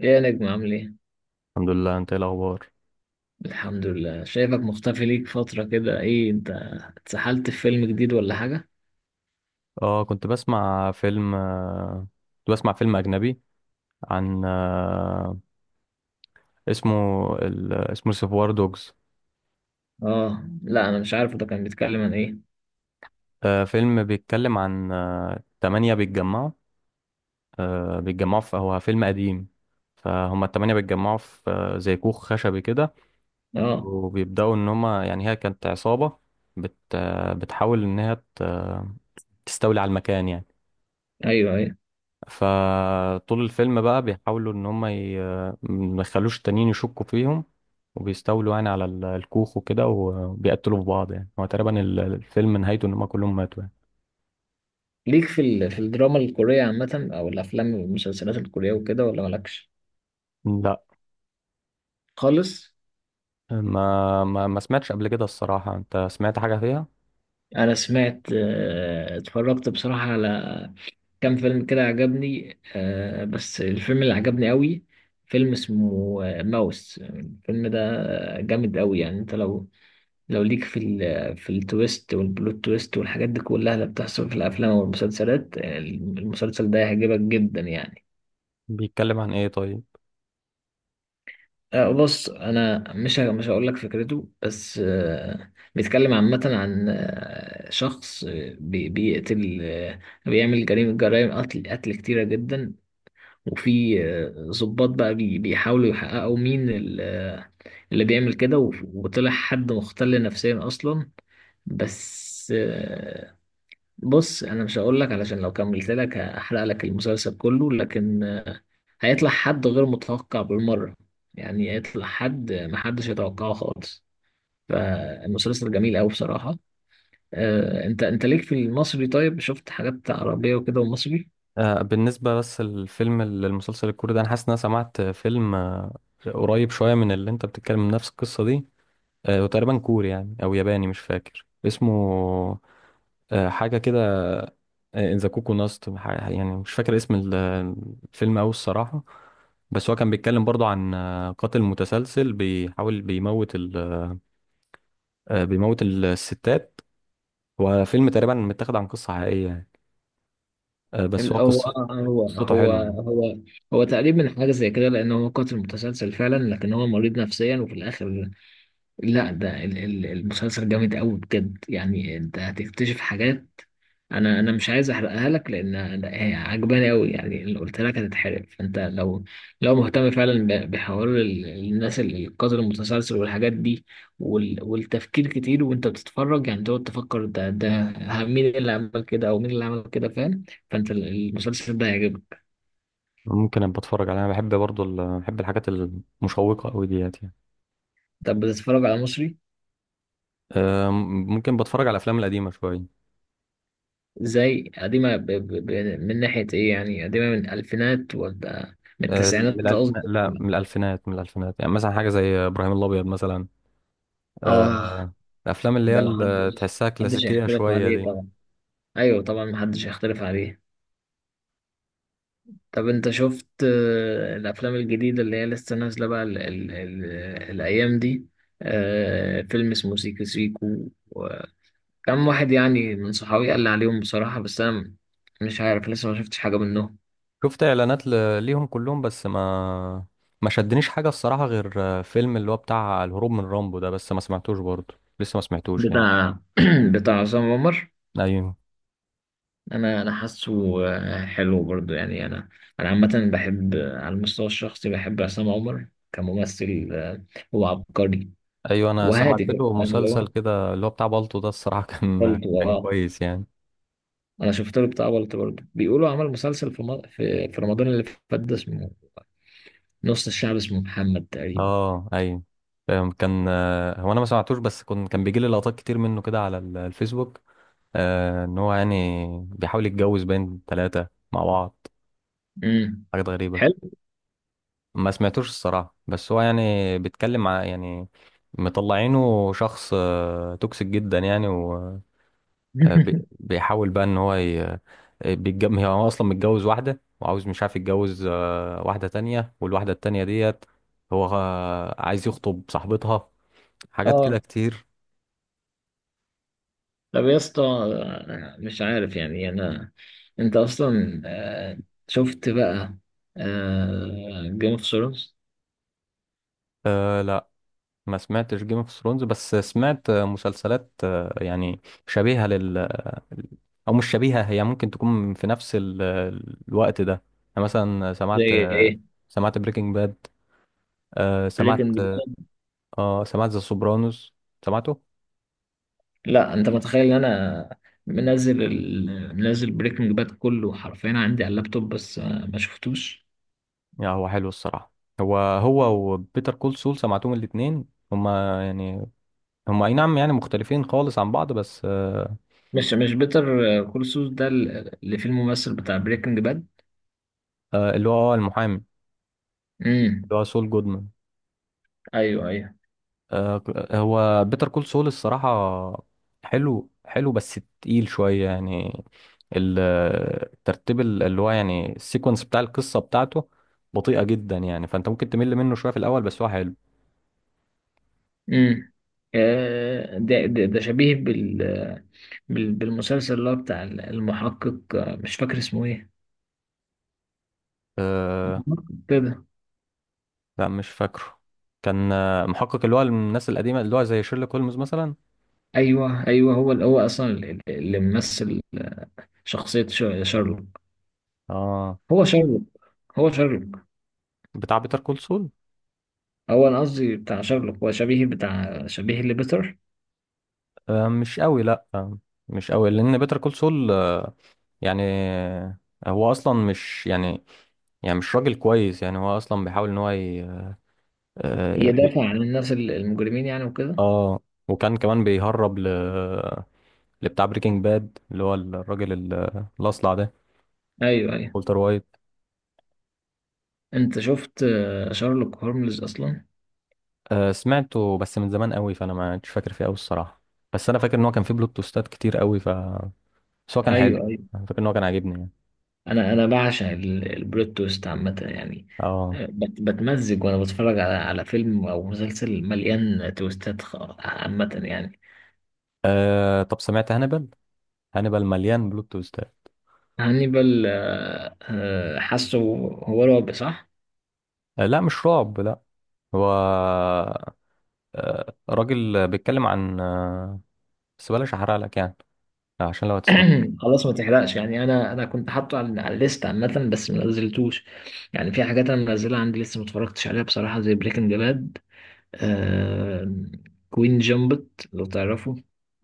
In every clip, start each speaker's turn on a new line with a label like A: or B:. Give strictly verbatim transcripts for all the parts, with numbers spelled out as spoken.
A: ايه يا نجم عامل ايه؟
B: الحمد لله. انت ايه الاخبار؟
A: الحمد لله، شايفك مختفي ليك فترة كده. ايه انت اتسحلت في فيلم جديد ولا حاجة؟
B: اه، كنت بسمع فيلم، آه، كنت بسمع فيلم اجنبي عن، آه، اسمه، ال... اسمه سيفوار دوجز.
A: اه لا انا مش عارف، ده كان بيتكلم عن ايه؟
B: آه، فيلم بيتكلم عن، آه، تمانية بيتجمعوا، آه، بيتجمعوا في، هو فيلم قديم، فهم التمانية بيتجمعوا في، آه، زي كوخ خشبي كده،
A: اه،
B: وبيبدأوا ان هما يعني هي كانت عصابة بت... آه، بتحاول ان هي ت- آه، تستولي على المكان يعني.
A: ايوه ايوه.
B: فطول الفيلم بقى بيحاولوا ان هم ي... ما يخلوش التانيين يشكوا فيهم، وبيستولوا يعني على ال- الكوخ وكده، وبيقتلوا في بعض. يعني هو تقريبا ال- الفيلم نهايته ان هم كلهم ماتوا يعني.
A: ليك في ال... في الدراما الكورية عامة او الافلام والمسلسلات الكورية وكده ولا مالكش؟
B: لا،
A: خالص؟
B: ما ما, ما سمعتش قبل كده الصراحة. انت سمعت حاجة فيها
A: انا سمعت آه، اتفرجت بصراحة على كام فيلم كده عجبني، آه، بس الفيلم اللي عجبني قوي فيلم اسمه آه، ماوس. الفيلم ده جامد قوي، يعني انت لو لو ليك في ال في التويست والبلوت تويست والحاجات دي كلها اللي بتحصل في الافلام والمسلسلات، المسلسل ده هيعجبك جدا يعني.
B: بيتكلم عن ايه طيب؟
A: آه، بص انا مش ه- مش هقول لك فكرته، بس آه، بيتكلم عامه عن آه، شخص، آه، بي- بيقتل، آه، بيعمل جريمه جرائم قتل، قتل كتيره جدا. وفي آه، ضباط بقى بي- بيحاولوا يحققوا مين ال- آه، اللي بيعمل كده، وف- وطلع حد مختل نفسيا اصلا. بس آه، بص انا مش هقول لك، علشان لو كملت لك هحرق لك المسلسل كله. لكن آه، هيطلع حد غير متوقع بالمره، يعني هيطلع حد محدش يتوقعه خالص. فالمسلسل جميل قوي بصراحه. آه، انت انت ليك في المصري؟ طيب، شفت حاجات عربيه وكده ومصري؟
B: آه، بالنسبة بس للفيلم المسلسل الكوري ده، انا حاسس ان انا سمعت فيلم، آه، قريب شوية من اللي انت بتتكلم، من نفس القصة دي. آه، وتقريبا كوري يعني او ياباني، مش فاكر اسمه. آه، حاجة كده، ذا كوكو ناست، يعني مش فاكر اسم ال- الفيلم أوي الصراحة. بس هو كان بيتكلم برضو عن، آه، قاتل متسلسل بيحاول بيموت ال، آه، بيموت ال- الستات. هو فيلم تقريبا متاخد عن قصة حقيقية يعني. آه، بس
A: ال-
B: هو
A: هو
B: قصة،
A: آه، هو
B: قصته
A: هو
B: حلوة يعني.
A: هو هو تقريبا حاجه زي كده، لان هو قاتل متسلسل فعلا، لكن هو مريض نفسيا وفي الاخر. لا، ده ال- ال- المسلسل جامد قوي بجد، يعني انت هتكتشف حاجات. انا انا مش عايز احرقها لك، لان أنا- هي عجباني قوي يعني، اللي قلت لك هتتحرق. فانت لو لو مهتم فعلا ب- بحوار ال- الناس ال- القاتل المتسلسل والحاجات دي وال- والتفكير كتير وانت بتتفرج، يعني تقعد تفكر ده ده ه- مين اللي عمل كده او مين اللي عمل كده، فاهم؟ فانت ال- المسلسل ده هيعجبك.
B: ممكن ابقى اتفرج عليها، انا بحب برضو ال، بحب الحاجات المشوقة قوي ديت يعني.
A: طب بتتفرج على مصري؟
B: آه، ممكن بتفرج على الافلام القديمة شوية.
A: زي قديمة ب... ب... ب... من ناحية إيه يعني؟ قديمة من الألفينات ولا من
B: آه، من
A: التسعينات
B: الالفينات،
A: قصدي؟
B: لا من الالفينات، من الالفينات. يعني مثلا حاجة زي ابراهيم الابيض مثلا. آه،
A: آه.
B: الافلام اللي هي
A: ده
B: اللي
A: محدش،
B: تحسها
A: محدش
B: كلاسيكيه
A: يختلف
B: شويه
A: عليه
B: دي.
A: طبعا. أيوه طبعا، محدش يختلف عليه. طب أنت شفت آه، الأفلام الجديدة اللي هي لسه نازلة بقى ال... ال... ال... الأيام دي؟ آه فيلم اسمه سيكو سيكو وكم واحد يعني، من صحابي قال لي عليهم بصراحة، بس أنا مش عارف لسه ما شفتش حاجة منهم.
B: شفت اعلانات ل- ليهم كلهم، بس ما ما شدنيش حاجه الصراحه، غير فيلم اللي هو بتاع الهروب من رامبو ده، بس ما سمعتوش برضه، لسه ما سمعتوش يعني.
A: بتاع بتاع عصام عمر.
B: ايوه.
A: انا انا حاسه آه، حلو برضو يعني. انا انا عامه بحب، آه، على المستوى الشخصي بحب عصام عمر كممثل، آه، هو عبقري.
B: ايوه، انا سمعت
A: وهادي كده
B: له
A: فاهم، اللي
B: مسلسل
A: هو
B: كده اللي هو بتاع بالطو ده الصراحه، كان
A: بلطو.
B: كان
A: اه،
B: كويس يعني.
A: انا شفت له بتاع بلطو برضو. بيقولوا عمل مسلسل في م- في في رمضان اللي فات ده، اسمه نص الشعب، اسمه محمد تقريبا.
B: اه. ايوه، فاهم. كان، آه، هو انا ما سمعتوش، بس كنت كان بيجي لي لقطات كتير منه كده على ال- الفيسبوك. آه، ان هو يعني بيحاول يتجوز بين ثلاثه مع بعض.
A: امم
B: حاجات غريبه.
A: حلو.
B: ما سمعتوش الصراحة، بس هو يعني بيتكلم عن يعني مطلعينه شخص، آه، توكسيك جدا يعني. وبيحاول بقى ان هو ي- بيتجم، هو اصلا متجوز واحدة، وعاوز مش عارف يتجوز، آه، واحدة تانية، والواحدة التانية ديت هو، آه، عايز يخطب صاحبتها. حاجات كده
A: اه،
B: كتير.
A: طب يا اسطى، آه، مش عارف يعني. انا انت اصلا، آه، شفت بقى جيم اوف ثرونز؟
B: أه لا، ما سمعتش جيم اوف ثرونز، بس سمعت، آه، مسلسلات، آه، يعني شبيهة، او مش شبيهه، هي ممكن تكون في نفس ال- الوقت ده. انا مثلا
A: زي
B: سمعت،
A: ايه؟
B: سمعت بريكنج باد. آه سمعت.
A: بريكنج باد؟
B: اه، سمعت ذا سوبرانوس، سمعته.
A: لا، انت متخيل ان انا منزل ال... منزل بريكنج باد كله حرفيا عندي على اللابتوب، بس آه، ما شفتوش.
B: يا هو حلو الصراحه. هو، هو وبيتر كول سول، سمعتهم الاثنين. هما يعني، هما اي نعم يعني مختلفين خالص عن بعض بس آه.
A: مش مش بيتر كول سول ده ال- اللي فيه الممثل بتاع بريكنج باد؟
B: آه، اللي هو، آه، المحامي،
A: امم.
B: اللي هو سول جودمان.
A: ايوه ايوه.
B: آه، هو بيتر كول سول الصراحة حلو، حلو بس تقيل شوية يعني. ال- الترتيب، ال- اللي هو يعني السيكونس بتاع القصة بتاعته، بطيئة جدا يعني، فأنت ممكن تمل منه شوية في الأول، بس هو حلو.
A: امم. آه، ده ده ده شبيه بال... بال... بالمسلسل اللي هو بتاع المحقق، آه، مش فاكر اسمه ايه.
B: أه،
A: المحقق كده.
B: لا مش فاكره. كان، آه، محقق اللي هو الناس القديمة، اللي هو زي شيرلوك هولمز مثلا.
A: ايوه ايوه، هو هو اصلا اللي اللي ممثل شخصية شارلوك.
B: اه.
A: هو شارلوك، هو شارلوك.
B: بتاع بيتر كول سول.
A: هو انا قصدي بتاع شارلوك، هو شبيه بتاع، شبيه لبيتر.
B: آه، مش قوي، لا، آه، مش قوي، لان بيتر كول سول يعني هو اصلا مش يعني، يعني مش راجل كويس يعني، هو اصلا بيحاول ان هو ي... اه بي-
A: يدافع عن الناس ال- المجرمين يعني وكده.
B: آه، وكان كمان بيهرب ل، لبتاع بريكنج باد اللي هو الراجل ال- الاصلع ده،
A: ايوه ايوه،
B: والتر وايت.
A: انت شفت آه، شارلوك هولمز اصلا؟
B: آه، سمعته بس من زمان قوي، فانا ما كنتش فاكر فيه قوي الصراحه. بس انا فاكر ان هو كان فيه بلوت توستات كتير قوي ف، بس هو كان حلو.
A: ايوه ايوه.
B: انا فاكر ان هو كان عاجبني يعني.
A: انا انا بعشق ال- البلوت تويست عامه يعني،
B: اه.
A: آه، بت- بتمزج وانا بتفرج على على فيلم او مسلسل مليان تويستات خ- عامه يعني.
B: آه، طب سمعت هانيبال؟ هانيبال مليان بلوت تويستات.
A: هانيبال؟ آه، آه، حاسه هو الرعب صح؟
B: آه، لا مش رعب، لا. هو، آه، راجل بيتكلم عن، آه، بس بلاش احرق لك يعني، عشان لو هتسمع.
A: خلاص ما تحرقش يعني. انا انا كنت حاطه على على الليست عامه، بس ما نزلتوش يعني. في حاجات انا منزلها عندي لسه ما اتفرجتش عليها بصراحه، زي بريكنج باد آه... كوين جامبت، لو تعرفه.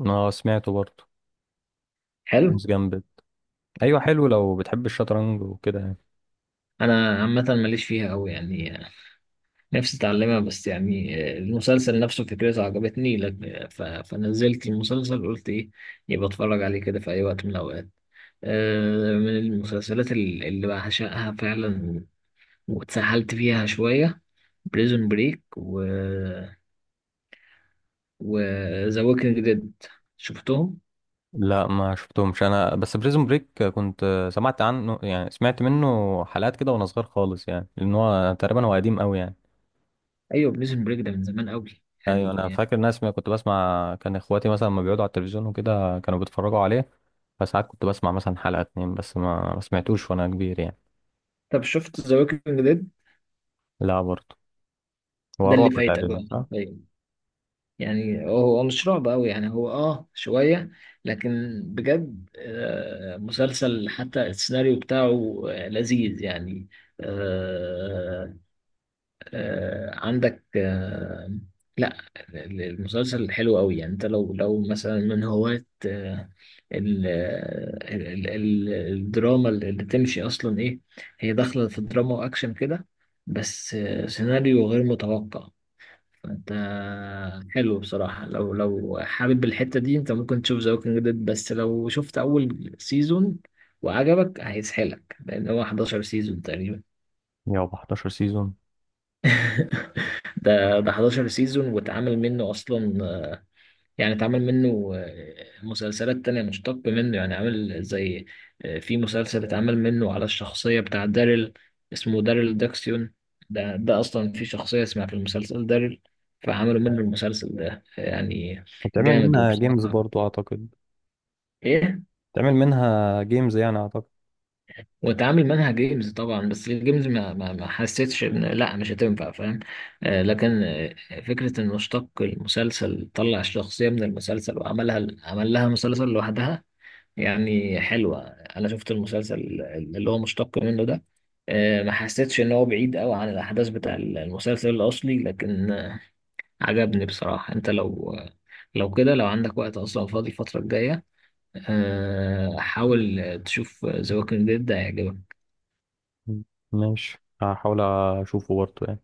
B: اه سمعته برضه.
A: حلو.
B: جيمس جامبت، ايوه حلو لو بتحب الشطرنج وكده يعني.
A: انا عامه ماليش فيها قوي يعني، نفسي اتعلمها، بس يعني آه، المسلسل نفسه فكرته عجبتني لك، ف... فنزلت المسلسل قلت ايه يبقى اتفرج عليه كده في اي وقت من الاوقات. آه، من المسلسلات ال- اللي بعشقها فعلا واتسحلت فيها شوية، بريزون بريك، و و ذا ووكينج ديد. شفتهم؟
B: لا، ما شفتهمش انا، بس بريزون بريك كنت، آه، سمعت عنه، يعني سمعت منه حلقات كده وانا صغير خالص يعني، لان هو تقريبا هو قديم قوي يعني.
A: ايوه، بريزون بريك ده من زمان قوي
B: ايوه، انا
A: يعني.
B: فاكر ناس ما كنت بسمع، كان اخواتي مثلا لما بيقعدوا على التلفزيون وكده كانوا بيتفرجوا عليه، فساعات كنت بسمع مثلا حلقة اتنين، بس ما ما سمعتوش وانا كبير يعني.
A: طب شفت ذا ووكينج ديد؟
B: لا برضه. هو
A: ده اللي
B: رعب
A: فايتك
B: تقريبا
A: بقى
B: صح؟
A: طيب. يعني هو هو مش رعب قوي، يعني هو اه شويه، لكن بجد آه مسلسل حتى السيناريو بتاعه آه، لذيذ يعني. آه، آه، عندك آه، لا. ال- المسلسل حلو قوي، يعني انت لو لو مثلا من هواة، آه، ال- ال- ال- الدراما اللي تمشي اصلا ايه، هي داخله في دراما واكشن كده، بس آه، سيناريو غير متوقع. فانت حلو بصراحه، لو لو حابب الحته دي انت ممكن تشوف ذا ووكينج ديد، بس لو شفت اول سيزون وعجبك هيسحلك، لان هو احد عشر سيزون تقريبا.
B: مائة وأحد عشر سيزون.
A: ده ده حداشر سيزون، واتعمل منه اصلا آه، يعني اتعمل منه آه، مسلسلات تانية مشتق منه يعني، عامل زي آه، في مسلسل اتعمل منه على الشخصية بتاع داريل، اسمه داريل داكسيون. ده ده اصلا في شخصية اسمها في المسلسل داريل، فعملوا منه المسلسل ده يعني.
B: وتعمل
A: جامد
B: منها جيمز
A: وبصراحة.
B: برضو اعتقد.
A: ايه؟
B: تعمل منها جيمز يعني اعتقد.
A: واتعامل منها جيمز طبعا، بس الجيمز ما, ما, ما حسيتش ان لا مش هتنفع، فاهم؟ آه لكن آه، فكرة ان اشتق المسلسل، طلع الشخصية من المسلسل وعملها، عمل لها مسلسل لوحدها يعني حلوة. انا شفت المسلسل اللي هو مشتق منه ده، آه ما حسيتش ان هو بعيد قوي عن الاحداث بتاع المسلسل الاصلي، لكن آه، عجبني بصراحة. انت لو لو كده، لو عندك وقت اصلا فاضي الفترة الجاية، آه، حاول تشوف ذا ووكينج ديد، ده هيعجبك.
B: ماشي، هحاول اشوفه برضه يعني.